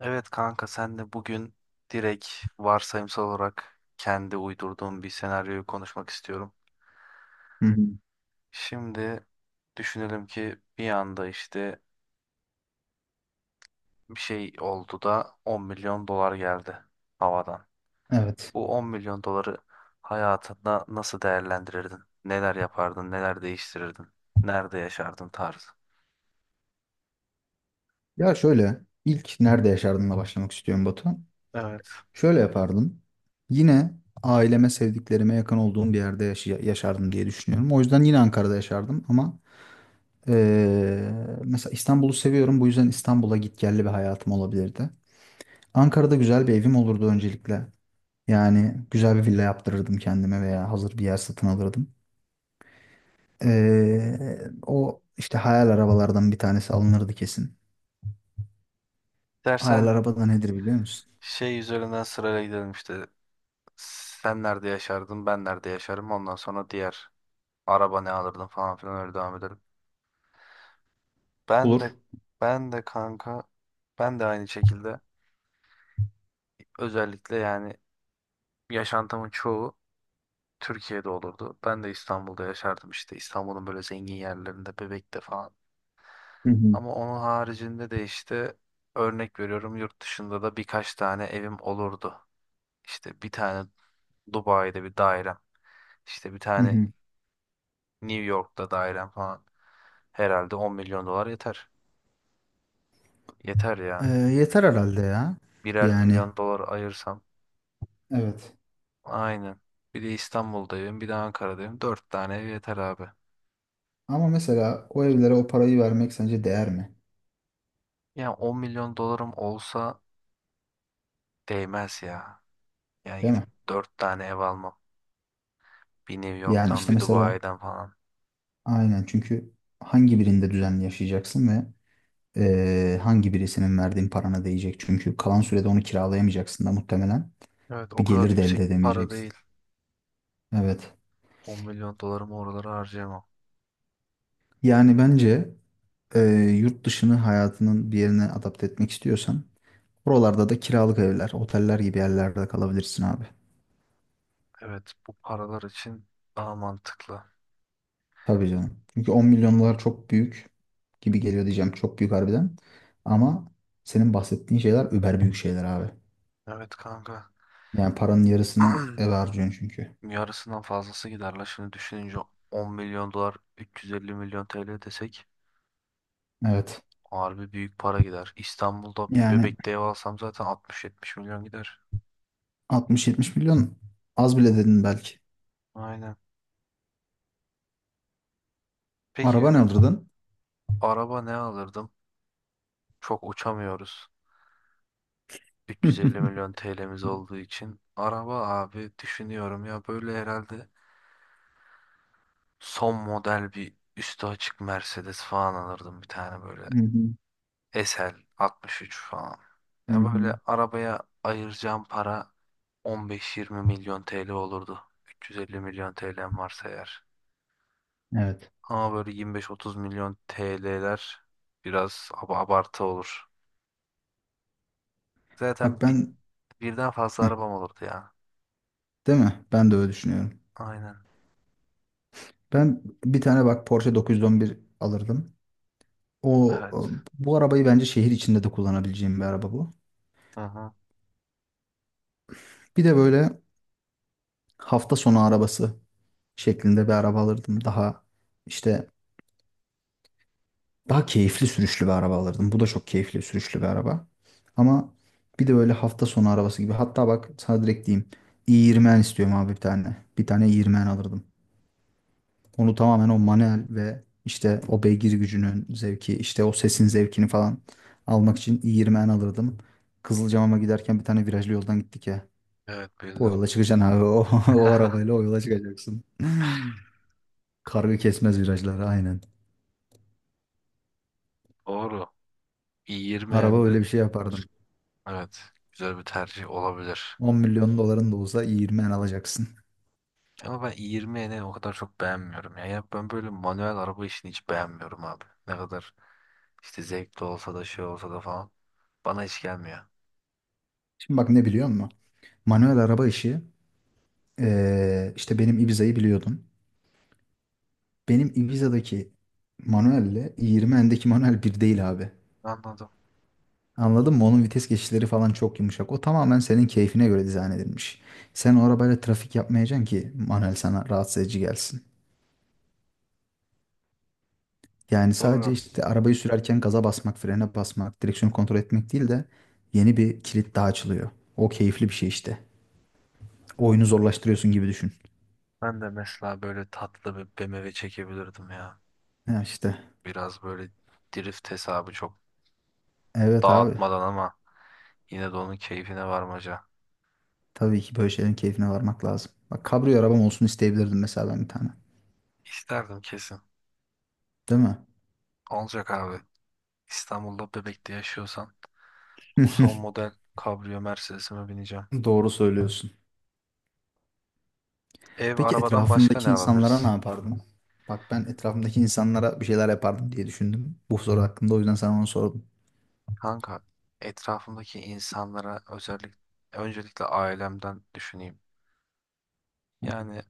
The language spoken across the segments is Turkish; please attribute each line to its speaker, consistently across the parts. Speaker 1: Evet kanka sen de bugün direkt varsayımsal olarak kendi uydurduğum bir senaryoyu konuşmak istiyorum.
Speaker 2: Hı hı.
Speaker 1: Şimdi düşünelim ki bir anda işte bir şey oldu da 10 milyon dolar geldi havadan.
Speaker 2: Evet.
Speaker 1: Bu 10 milyon doları hayatında nasıl değerlendirirdin? Neler yapardın? Neler değiştirirdin? Nerede yaşardın tarzı.
Speaker 2: Ya şöyle ilk nerede yaşardımla başlamak istiyorum Batu.
Speaker 1: Evet.
Speaker 2: Şöyle yapardım. Yine aileme, sevdiklerime yakın olduğum bir yerde yaşardım diye düşünüyorum. O yüzden yine Ankara'da yaşardım ama eee, mesela İstanbul'u seviyorum. Bu yüzden İstanbul'a gitgelli bir hayatım olabilirdi. Ankara'da güzel bir evim olurdu öncelikle. Yani güzel bir villa yaptırırdım kendime veya hazır bir yer satın alırdım. O işte hayal arabalardan bir tanesi alınırdı kesin. Hayal
Speaker 1: Dersen
Speaker 2: araba da nedir biliyor musun?
Speaker 1: şey üzerinden sırayla gidelim işte. Sen nerede yaşardın? Ben nerede yaşarım? Ondan sonra diğer araba ne alırdın falan filan öyle devam edelim. Ben
Speaker 2: Olur.
Speaker 1: de ben de kanka ben de aynı şekilde özellikle yani yaşantımın çoğu Türkiye'de olurdu. Ben de İstanbul'da yaşardım, işte İstanbul'un böyle zengin yerlerinde, Bebek'te falan.
Speaker 2: Hı hı.
Speaker 1: Ama onun haricinde de işte örnek veriyorum yurt dışında da birkaç tane evim olurdu. İşte bir tane Dubai'de bir dairem, işte bir
Speaker 2: Hı
Speaker 1: tane
Speaker 2: hı.
Speaker 1: New York'ta dairem falan. Herhalde 10 milyon dolar yeter. Yeter ya.
Speaker 2: Yeter herhalde ya.
Speaker 1: Birer
Speaker 2: Yani
Speaker 1: milyon dolar ayırsam.
Speaker 2: evet.
Speaker 1: Aynen. Bir de İstanbul'da evim, bir de Ankara'da evim. Dört tane ev yeter abi.
Speaker 2: Ama mesela o evlere o parayı vermek sence değer mi?
Speaker 1: Yani 10 milyon dolarım olsa değmez ya. Yani
Speaker 2: Değil
Speaker 1: gidip
Speaker 2: mi?
Speaker 1: dört tane ev almam. Bir New
Speaker 2: Yani
Speaker 1: York'tan,
Speaker 2: işte
Speaker 1: bir
Speaker 2: mesela
Speaker 1: Dubai'den falan.
Speaker 2: aynen çünkü hangi birinde düzenli yaşayacaksın ve hangi birisinin verdiğin parana değecek? Çünkü kalan sürede onu kiralayamayacaksın da muhtemelen.
Speaker 1: Evet, o
Speaker 2: Bir
Speaker 1: kadar
Speaker 2: gelir de elde
Speaker 1: yüksek bir para
Speaker 2: edemeyeceksin.
Speaker 1: değil.
Speaker 2: Evet.
Speaker 1: 10 milyon dolarımı oralara harcayamam.
Speaker 2: Yani bence eee, yurt dışını hayatının bir yerine adapte etmek istiyorsan oralarda da kiralık evler, oteller gibi yerlerde kalabilirsin abi.
Speaker 1: Evet, bu paralar için daha mantıklı.
Speaker 2: Tabii canım. Çünkü 10 milyon dolar çok büyük gibi geliyor diyeceğim. Çok büyük harbiden. Ama senin bahsettiğin şeyler über büyük şeyler abi.
Speaker 1: Evet kanka.
Speaker 2: Yani paranın yarısını eve harcıyorsun çünkü.
Speaker 1: Yarısından fazlası gider la. Şimdi düşününce 10 milyon dolar 350 milyon TL desek.
Speaker 2: Evet.
Speaker 1: Harbi büyük para gider. İstanbul'da bir
Speaker 2: Yani
Speaker 1: Bebek'te ev alsam zaten 60-70 milyon gider.
Speaker 2: 60-70 milyon az bile dedin belki.
Speaker 1: Aynen. Peki
Speaker 2: Araba ne alırdın?
Speaker 1: araba ne alırdım? Çok uçamıyoruz.
Speaker 2: Hı
Speaker 1: 350 milyon TL'miz olduğu için. Araba abi, düşünüyorum ya, böyle herhalde son model bir üstü açık Mercedes falan alırdım bir tane böyle.
Speaker 2: hı,
Speaker 1: SL 63 falan.
Speaker 2: hı
Speaker 1: Ya
Speaker 2: hı.
Speaker 1: böyle arabaya ayıracağım para 15-20 milyon TL olurdu. 350 milyon TL'm varsa eğer.
Speaker 2: Evet.
Speaker 1: Ama böyle 25-30 milyon TL'ler biraz abartı olur. Zaten
Speaker 2: Bak ben
Speaker 1: birden fazla
Speaker 2: Heh,
Speaker 1: arabam olurdu ya.
Speaker 2: değil mi? Ben de öyle düşünüyorum.
Speaker 1: Aynen.
Speaker 2: Ben bir tane bak Porsche 911 alırdım. O
Speaker 1: Evet.
Speaker 2: bu arabayı bence şehir içinde de kullanabileceğim bir araba bu.
Speaker 1: Hı hı.
Speaker 2: Bir de böyle hafta sonu arabası şeklinde bir araba alırdım. Daha işte daha keyifli sürüşlü bir araba alırdım. Bu da çok keyifli sürüşlü bir araba. Ama bir de böyle hafta sonu arabası gibi. Hatta bak sana direkt diyeyim. i20 istiyorum abi bir tane. Bir tane i20 alırdım. Onu tamamen o manuel ve işte o beygir gücünün zevki, işte o sesin zevkini falan almak için i20 alırdım. Kızılcamam'a giderken bir tane virajlı yoldan gittik ya.
Speaker 1: Evet,
Speaker 2: O
Speaker 1: bildim.
Speaker 2: yola çıkacaksın abi. O arabayla o yola çıkacaksın. Kargı kesmez virajları aynen.
Speaker 1: Doğru.
Speaker 2: Araba
Speaker 1: i20N'de
Speaker 2: öyle bir şey yapardım.
Speaker 1: evet, güzel bir tercih olabilir.
Speaker 2: 10 milyon doların da olsa iyi 20 en alacaksın.
Speaker 1: Ama ben i20N'i o kadar çok beğenmiyorum. Ya, ben böyle manuel araba işini hiç beğenmiyorum abi. Ne kadar işte zevkli olsa da şey olsa da falan. Bana hiç gelmiyor.
Speaker 2: Şimdi bak ne biliyor musun? Manuel araba işi işte benim Ibiza'yı biliyordun. Benim Ibiza'daki manuelle 20 endeki manuel bir değil abi.
Speaker 1: Anladım.
Speaker 2: Anladın mı? Onun vites geçişleri falan çok yumuşak. O tamamen senin keyfine göre dizayn edilmiş. Sen o arabayla trafik yapmayacaksın ki manuel sana rahatsız edici gelsin. Yani sadece
Speaker 1: Doğru.
Speaker 2: işte arabayı sürerken gaza basmak, frene basmak, direksiyonu kontrol etmek değil de yeni bir kilit daha açılıyor. O keyifli bir şey işte. Oyunu zorlaştırıyorsun gibi düşün.
Speaker 1: Ben de mesela böyle tatlı bir BMW çekebilirdim ya.
Speaker 2: Ya işte.
Speaker 1: Biraz böyle drift hesabı çok
Speaker 2: Evet abi.
Speaker 1: dağıtmadan ama yine de onun keyfine varmaca.
Speaker 2: Tabii ki böyle şeylerin keyfine varmak lazım. Bak kabrio arabam olsun isteyebilirdim mesela ben bir tane.
Speaker 1: İsterdim kesin.
Speaker 2: Değil mi?
Speaker 1: Olacak abi. İstanbul'da Bebek'te yaşıyorsan o son model kabriyo Mercedes'ime bineceğim.
Speaker 2: Doğru söylüyorsun.
Speaker 1: Ev
Speaker 2: Peki
Speaker 1: arabadan başka ne
Speaker 2: etrafındaki insanlara
Speaker 1: alabiliriz?
Speaker 2: ne yapardın? Bak ben etrafımdaki insanlara bir şeyler yapardım diye düşündüm. Bu soru hakkında o yüzden sana onu sordum.
Speaker 1: Kanka, etrafımdaki insanlara özellikle öncelikle ailemden düşüneyim. Yani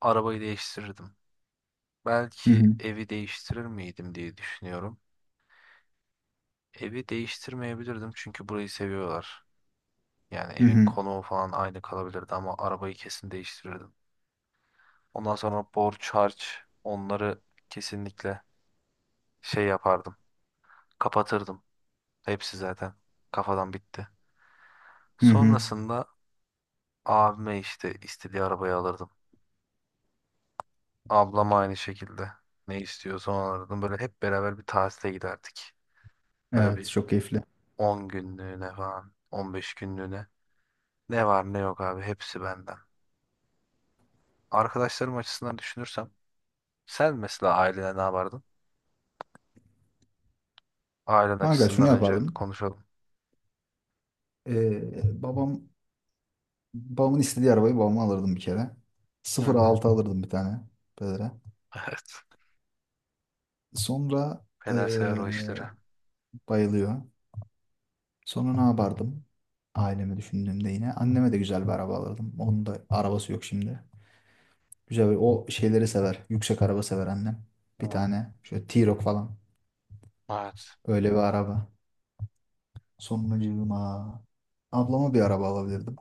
Speaker 1: arabayı değiştirirdim.
Speaker 2: Hı
Speaker 1: Belki
Speaker 2: hı.
Speaker 1: evi değiştirir miydim diye düşünüyorum. Evi değiştirmeyebilirdim çünkü burayı seviyorlar. Yani
Speaker 2: Hı
Speaker 1: evin
Speaker 2: hı.
Speaker 1: konumu falan aynı kalabilirdi ama arabayı kesin değiştirirdim. Ondan sonra borç harç, onları kesinlikle şey yapardım. Kapatırdım. Hepsi zaten kafadan bitti.
Speaker 2: Hı hı.
Speaker 1: Sonrasında abime işte istediği arabayı alırdım. Ablama aynı şekilde ne istiyorsa onu alırdım. Böyle hep beraber bir tatile giderdik. Böyle
Speaker 2: Evet
Speaker 1: bir
Speaker 2: çok keyifli.
Speaker 1: 10 günlüğüne falan, 15 günlüğüne. Ne var ne yok abi hepsi benden. Arkadaşlarım açısından düşünürsem, sen mesela ailene ne yapardın? Ailen
Speaker 2: Kanka şunu
Speaker 1: açısından önce
Speaker 2: yapardım.
Speaker 1: konuşalım.
Speaker 2: Ee, babam babamın istediği arabayı babama alırdım bir kere.
Speaker 1: Hı hı.
Speaker 2: 0.6 alırdım bir tane pedere.
Speaker 1: Evet.
Speaker 2: Sonra
Speaker 1: Peder sever
Speaker 2: ee,
Speaker 1: o işleri.
Speaker 2: bayılıyor. Sonra ne yapardım? Ailemi düşündüğümde yine anneme de güzel bir araba alırdım. Onun da arabası yok şimdi. Güzel bir, o şeyleri sever. Yüksek araba sever annem. Bir
Speaker 1: Hı.
Speaker 2: tane şöyle T-Roc falan.
Speaker 1: Evet.
Speaker 2: Öyle bir araba. Sonracığıma ablama bir araba alabilirdim.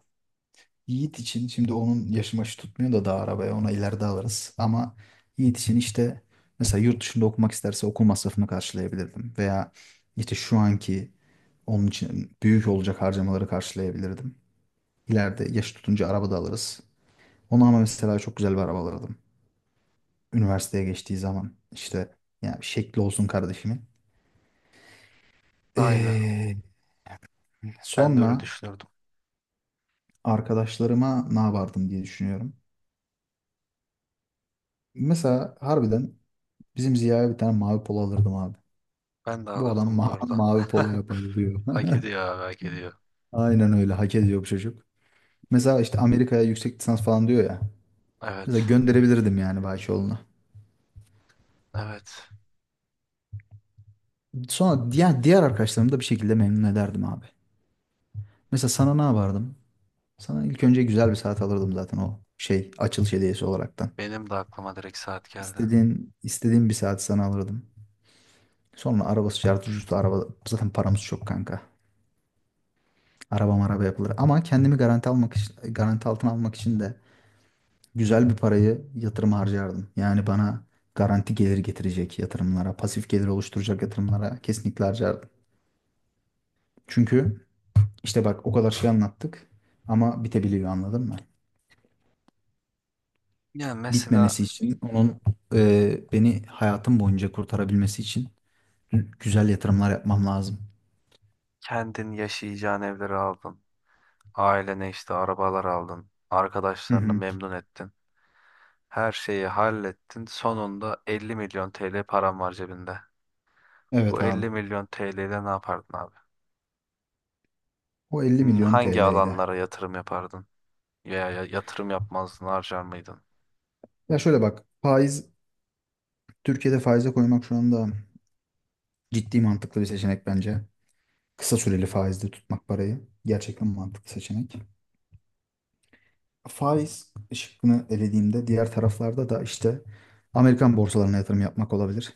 Speaker 2: Yiğit için şimdi onun yaşı maşı tutmuyor da daha arabaya ona ileride alırız. Ama Yiğit için işte mesela yurt dışında okumak isterse okul masrafını karşılayabilirdim. Veya işte şu anki onun için büyük olacak harcamaları karşılayabilirdim. İleride yaş tutunca araba da alırız. Ona ama mesela çok güzel bir araba alırdım. Üniversiteye geçtiği zaman işte yani şekli olsun kardeşimin.
Speaker 1: Aynı.
Speaker 2: Ee,
Speaker 1: Ben de öyle
Speaker 2: Sonra
Speaker 1: düşünürdüm.
Speaker 2: arkadaşlarıma ne yapardım diye düşünüyorum. Mesela harbiden Bizim Ziya'ya bir tane mavi polo alırdım abi.
Speaker 1: Ben de
Speaker 2: Bu adam
Speaker 1: alırdım bu
Speaker 2: ma
Speaker 1: arada.
Speaker 2: mavi poloya bayılıyor.
Speaker 1: Hak ediyor abi, hak ediyor.
Speaker 2: Aynen öyle hak ediyor bu çocuk. Mesela işte Amerika'ya yüksek lisans falan diyor ya. Mesela
Speaker 1: Evet.
Speaker 2: gönderebilirdim yani Bahçoğlu'na.
Speaker 1: Evet.
Speaker 2: Sonra diğer arkadaşlarımı da bir şekilde memnun ederdim abi. Mesela sana ne yapardım? Sana ilk önce güzel bir saat alırdım zaten o şey açılış hediyesi olaraktan.
Speaker 1: Benim de aklıma direkt saat geldi.
Speaker 2: İstediğin bir saat sana alırdım. Sonra arabası şartı ucuzdu araba. Zaten paramız çok kanka. Araba maraba yapılır. Ama kendimi garanti almak için, garanti altına almak için de güzel bir parayı yatırım harcardım. Yani bana garanti gelir getirecek yatırımlara, pasif gelir oluşturacak yatırımlara kesinlikle harcardım. Çünkü işte bak o kadar şey anlattık ama bitebiliyor anladın mı?
Speaker 1: Ya mesela
Speaker 2: Bitmemesi için onun beni hayatım boyunca kurtarabilmesi için güzel yatırımlar yapmam lazım.
Speaker 1: kendin yaşayacağın evleri aldın. Ailene işte arabalar aldın.
Speaker 2: Hı
Speaker 1: Arkadaşlarını
Speaker 2: hı.
Speaker 1: memnun ettin. Her şeyi hallettin. Sonunda 50 milyon TL param var cebinde. Bu
Speaker 2: Evet abi.
Speaker 1: 50 milyon TL ile ne yapardın abi?
Speaker 2: O 50 milyon
Speaker 1: Hangi
Speaker 2: TL ile.
Speaker 1: alanlara yatırım yapardın? Veya yatırım yapmazdın, harcar mıydın?
Speaker 2: Ya şöyle bak faiz Türkiye'de faize koymak şu anda ciddi mantıklı bir seçenek bence. Kısa süreli faizde tutmak parayı gerçekten mantıklı seçenek. Faiz şıkkını elediğimde diğer taraflarda da işte Amerikan borsalarına yatırım yapmak olabilir.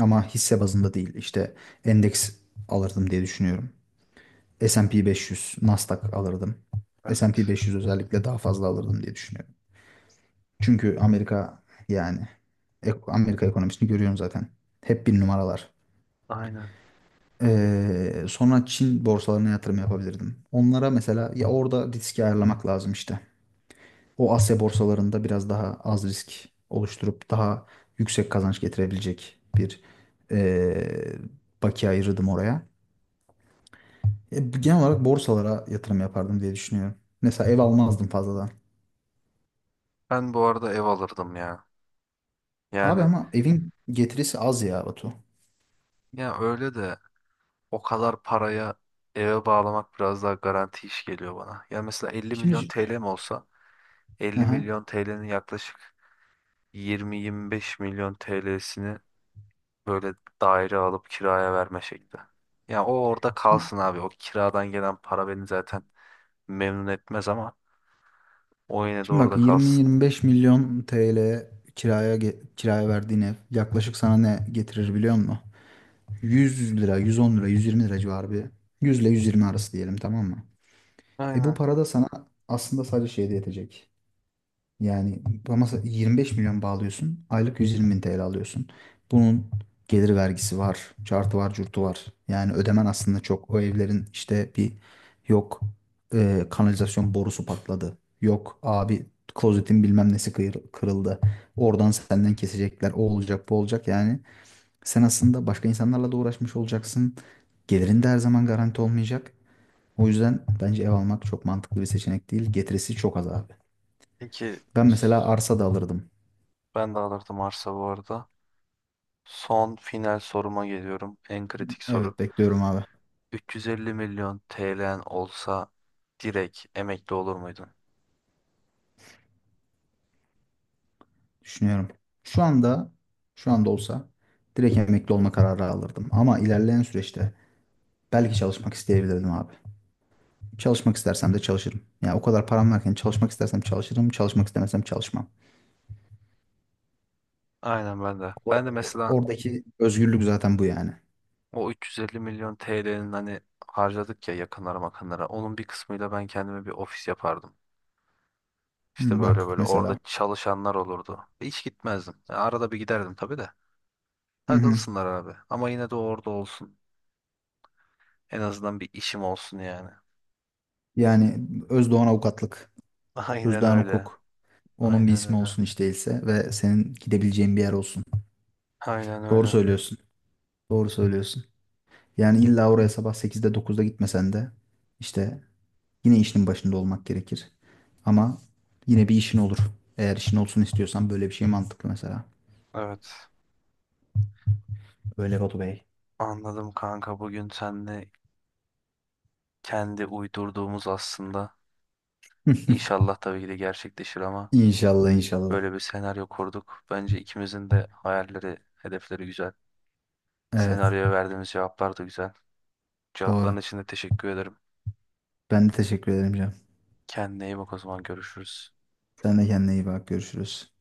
Speaker 2: Ama hisse bazında değil. İşte endeks alırdım diye düşünüyorum. S&P 500, Nasdaq alırdım. S&P
Speaker 1: Evet.
Speaker 2: 500 özellikle daha fazla alırdım diye düşünüyorum. Çünkü Amerika yani Amerika ekonomisini görüyorum zaten. Hep bir numaralar.
Speaker 1: Aynen.
Speaker 2: Sonra Çin borsalarına yatırım yapabilirdim. Onlara mesela ya orada riski ayarlamak lazım işte. O Asya borsalarında biraz daha az risk oluşturup daha yüksek kazanç getirebilecek bir ee, bakiye ayırırdım oraya. Genel olarak borsalara yatırım yapardım diye düşünüyorum. Mesela ev almazdım fazladan.
Speaker 1: Ben bu arada ev alırdım ya.
Speaker 2: Abi
Speaker 1: Yani
Speaker 2: ama evin getirisi az ya Batu.
Speaker 1: ya öyle de, o kadar paraya eve bağlamak biraz daha garanti iş geliyor bana. Ya mesela 50 milyon
Speaker 2: Şimdi,
Speaker 1: TL'm olsa,
Speaker 2: hı
Speaker 1: 50
Speaker 2: hı.
Speaker 1: milyon TL'nin yaklaşık 20-25 milyon TL'sini böyle daire alıp kiraya verme şekli. Ya o orada
Speaker 2: Şimdi
Speaker 1: kalsın abi. O kiradan gelen para beni zaten memnun etmez ama o yine de
Speaker 2: Şimdi bak
Speaker 1: orada kalsın.
Speaker 2: 20-25 milyon TL kiraya kiraya verdiğin ev yaklaşık sana ne getirir biliyor musun? 100 lira, 110 lira, 120 lira civarı bir. 100 ile 120 arası diyelim tamam mı? E bu
Speaker 1: Aynen.
Speaker 2: para da sana aslında sadece şeyde yetecek. Yani ama 25 milyon bağlıyorsun. Aylık 120 bin TL alıyorsun. Bunun gelir vergisi var. Cartı var, curtu var. Yani ödemen aslında çok. O evlerin işte bir yok kanalizasyon borusu patladı. Yok abi klozetin bilmem nesi kırıldı. Oradan senden kesecekler. O olacak, bu olacak. Yani sen aslında başka insanlarla da uğraşmış olacaksın. Gelirin de her zaman garanti olmayacak. O yüzden bence ev almak çok mantıklı bir seçenek değil. Getirisi çok az abi.
Speaker 1: Peki
Speaker 2: Ben mesela arsa da alırdım.
Speaker 1: ben de alırdım arsa bu arada. Son final soruma geliyorum. En kritik soru.
Speaker 2: Evet bekliyorum abi.
Speaker 1: 350 milyon TL'n olsa direkt emekli olur muydun?
Speaker 2: Düşünüyorum. Şu anda şu anda olsa direkt emekli olma kararı alırdım. Ama ilerleyen süreçte belki çalışmak isteyebilirdim abi. Çalışmak istersem de çalışırım. Yani o kadar param varken çalışmak istersem çalışırım, çalışmak istemesem çalışmam.
Speaker 1: Aynen ben de. Ben de mesela
Speaker 2: Oradaki özgürlük zaten bu yani.
Speaker 1: o 350 milyon TL'nin, hani, harcadık ya yakınlara makınlara. Onun bir kısmıyla ben kendime bir ofis yapardım. İşte
Speaker 2: Hı,
Speaker 1: böyle
Speaker 2: bak
Speaker 1: böyle orada
Speaker 2: mesela.
Speaker 1: çalışanlar olurdu. Hiç gitmezdim. Yani arada bir giderdim tabii de.
Speaker 2: Hı hı.
Speaker 1: Takılsınlar abi. Ama yine de orada olsun. En azından bir işim olsun yani.
Speaker 2: Yani Özdoğan Avukatlık,
Speaker 1: Aynen
Speaker 2: Özdoğan
Speaker 1: öyle.
Speaker 2: Hukuk. Onun bir
Speaker 1: Aynen
Speaker 2: ismi
Speaker 1: öyle.
Speaker 2: olsun hiç değilse ve senin gidebileceğin bir yer olsun.
Speaker 1: Aynen
Speaker 2: Doğru
Speaker 1: öyle.
Speaker 2: söylüyorsun. Doğru söylüyorsun. Yani illa oraya sabah sekizde dokuzda gitmesen de işte yine işinin başında olmak gerekir. Ama yine bir işin olur. Eğer işin olsun istiyorsan böyle bir şey mantıklı mesela.
Speaker 1: Evet.
Speaker 2: Öyle Batu Bey.
Speaker 1: Anladım kanka. Bugün seninle kendi uydurduğumuz aslında. İnşallah tabii ki de gerçekleşir ama
Speaker 2: İnşallah inşallah.
Speaker 1: böyle bir senaryo kurduk. Bence ikimizin de hayalleri, hedefleri güzel.
Speaker 2: Evet
Speaker 1: Senaryoya verdiğimiz cevaplar da güzel. Cevapların
Speaker 2: doğru.
Speaker 1: için de teşekkür ederim.
Speaker 2: Ben de teşekkür ederim canım.
Speaker 1: Kendine iyi bak o zaman, görüşürüz.
Speaker 2: Sen de kendine iyi bak görüşürüz.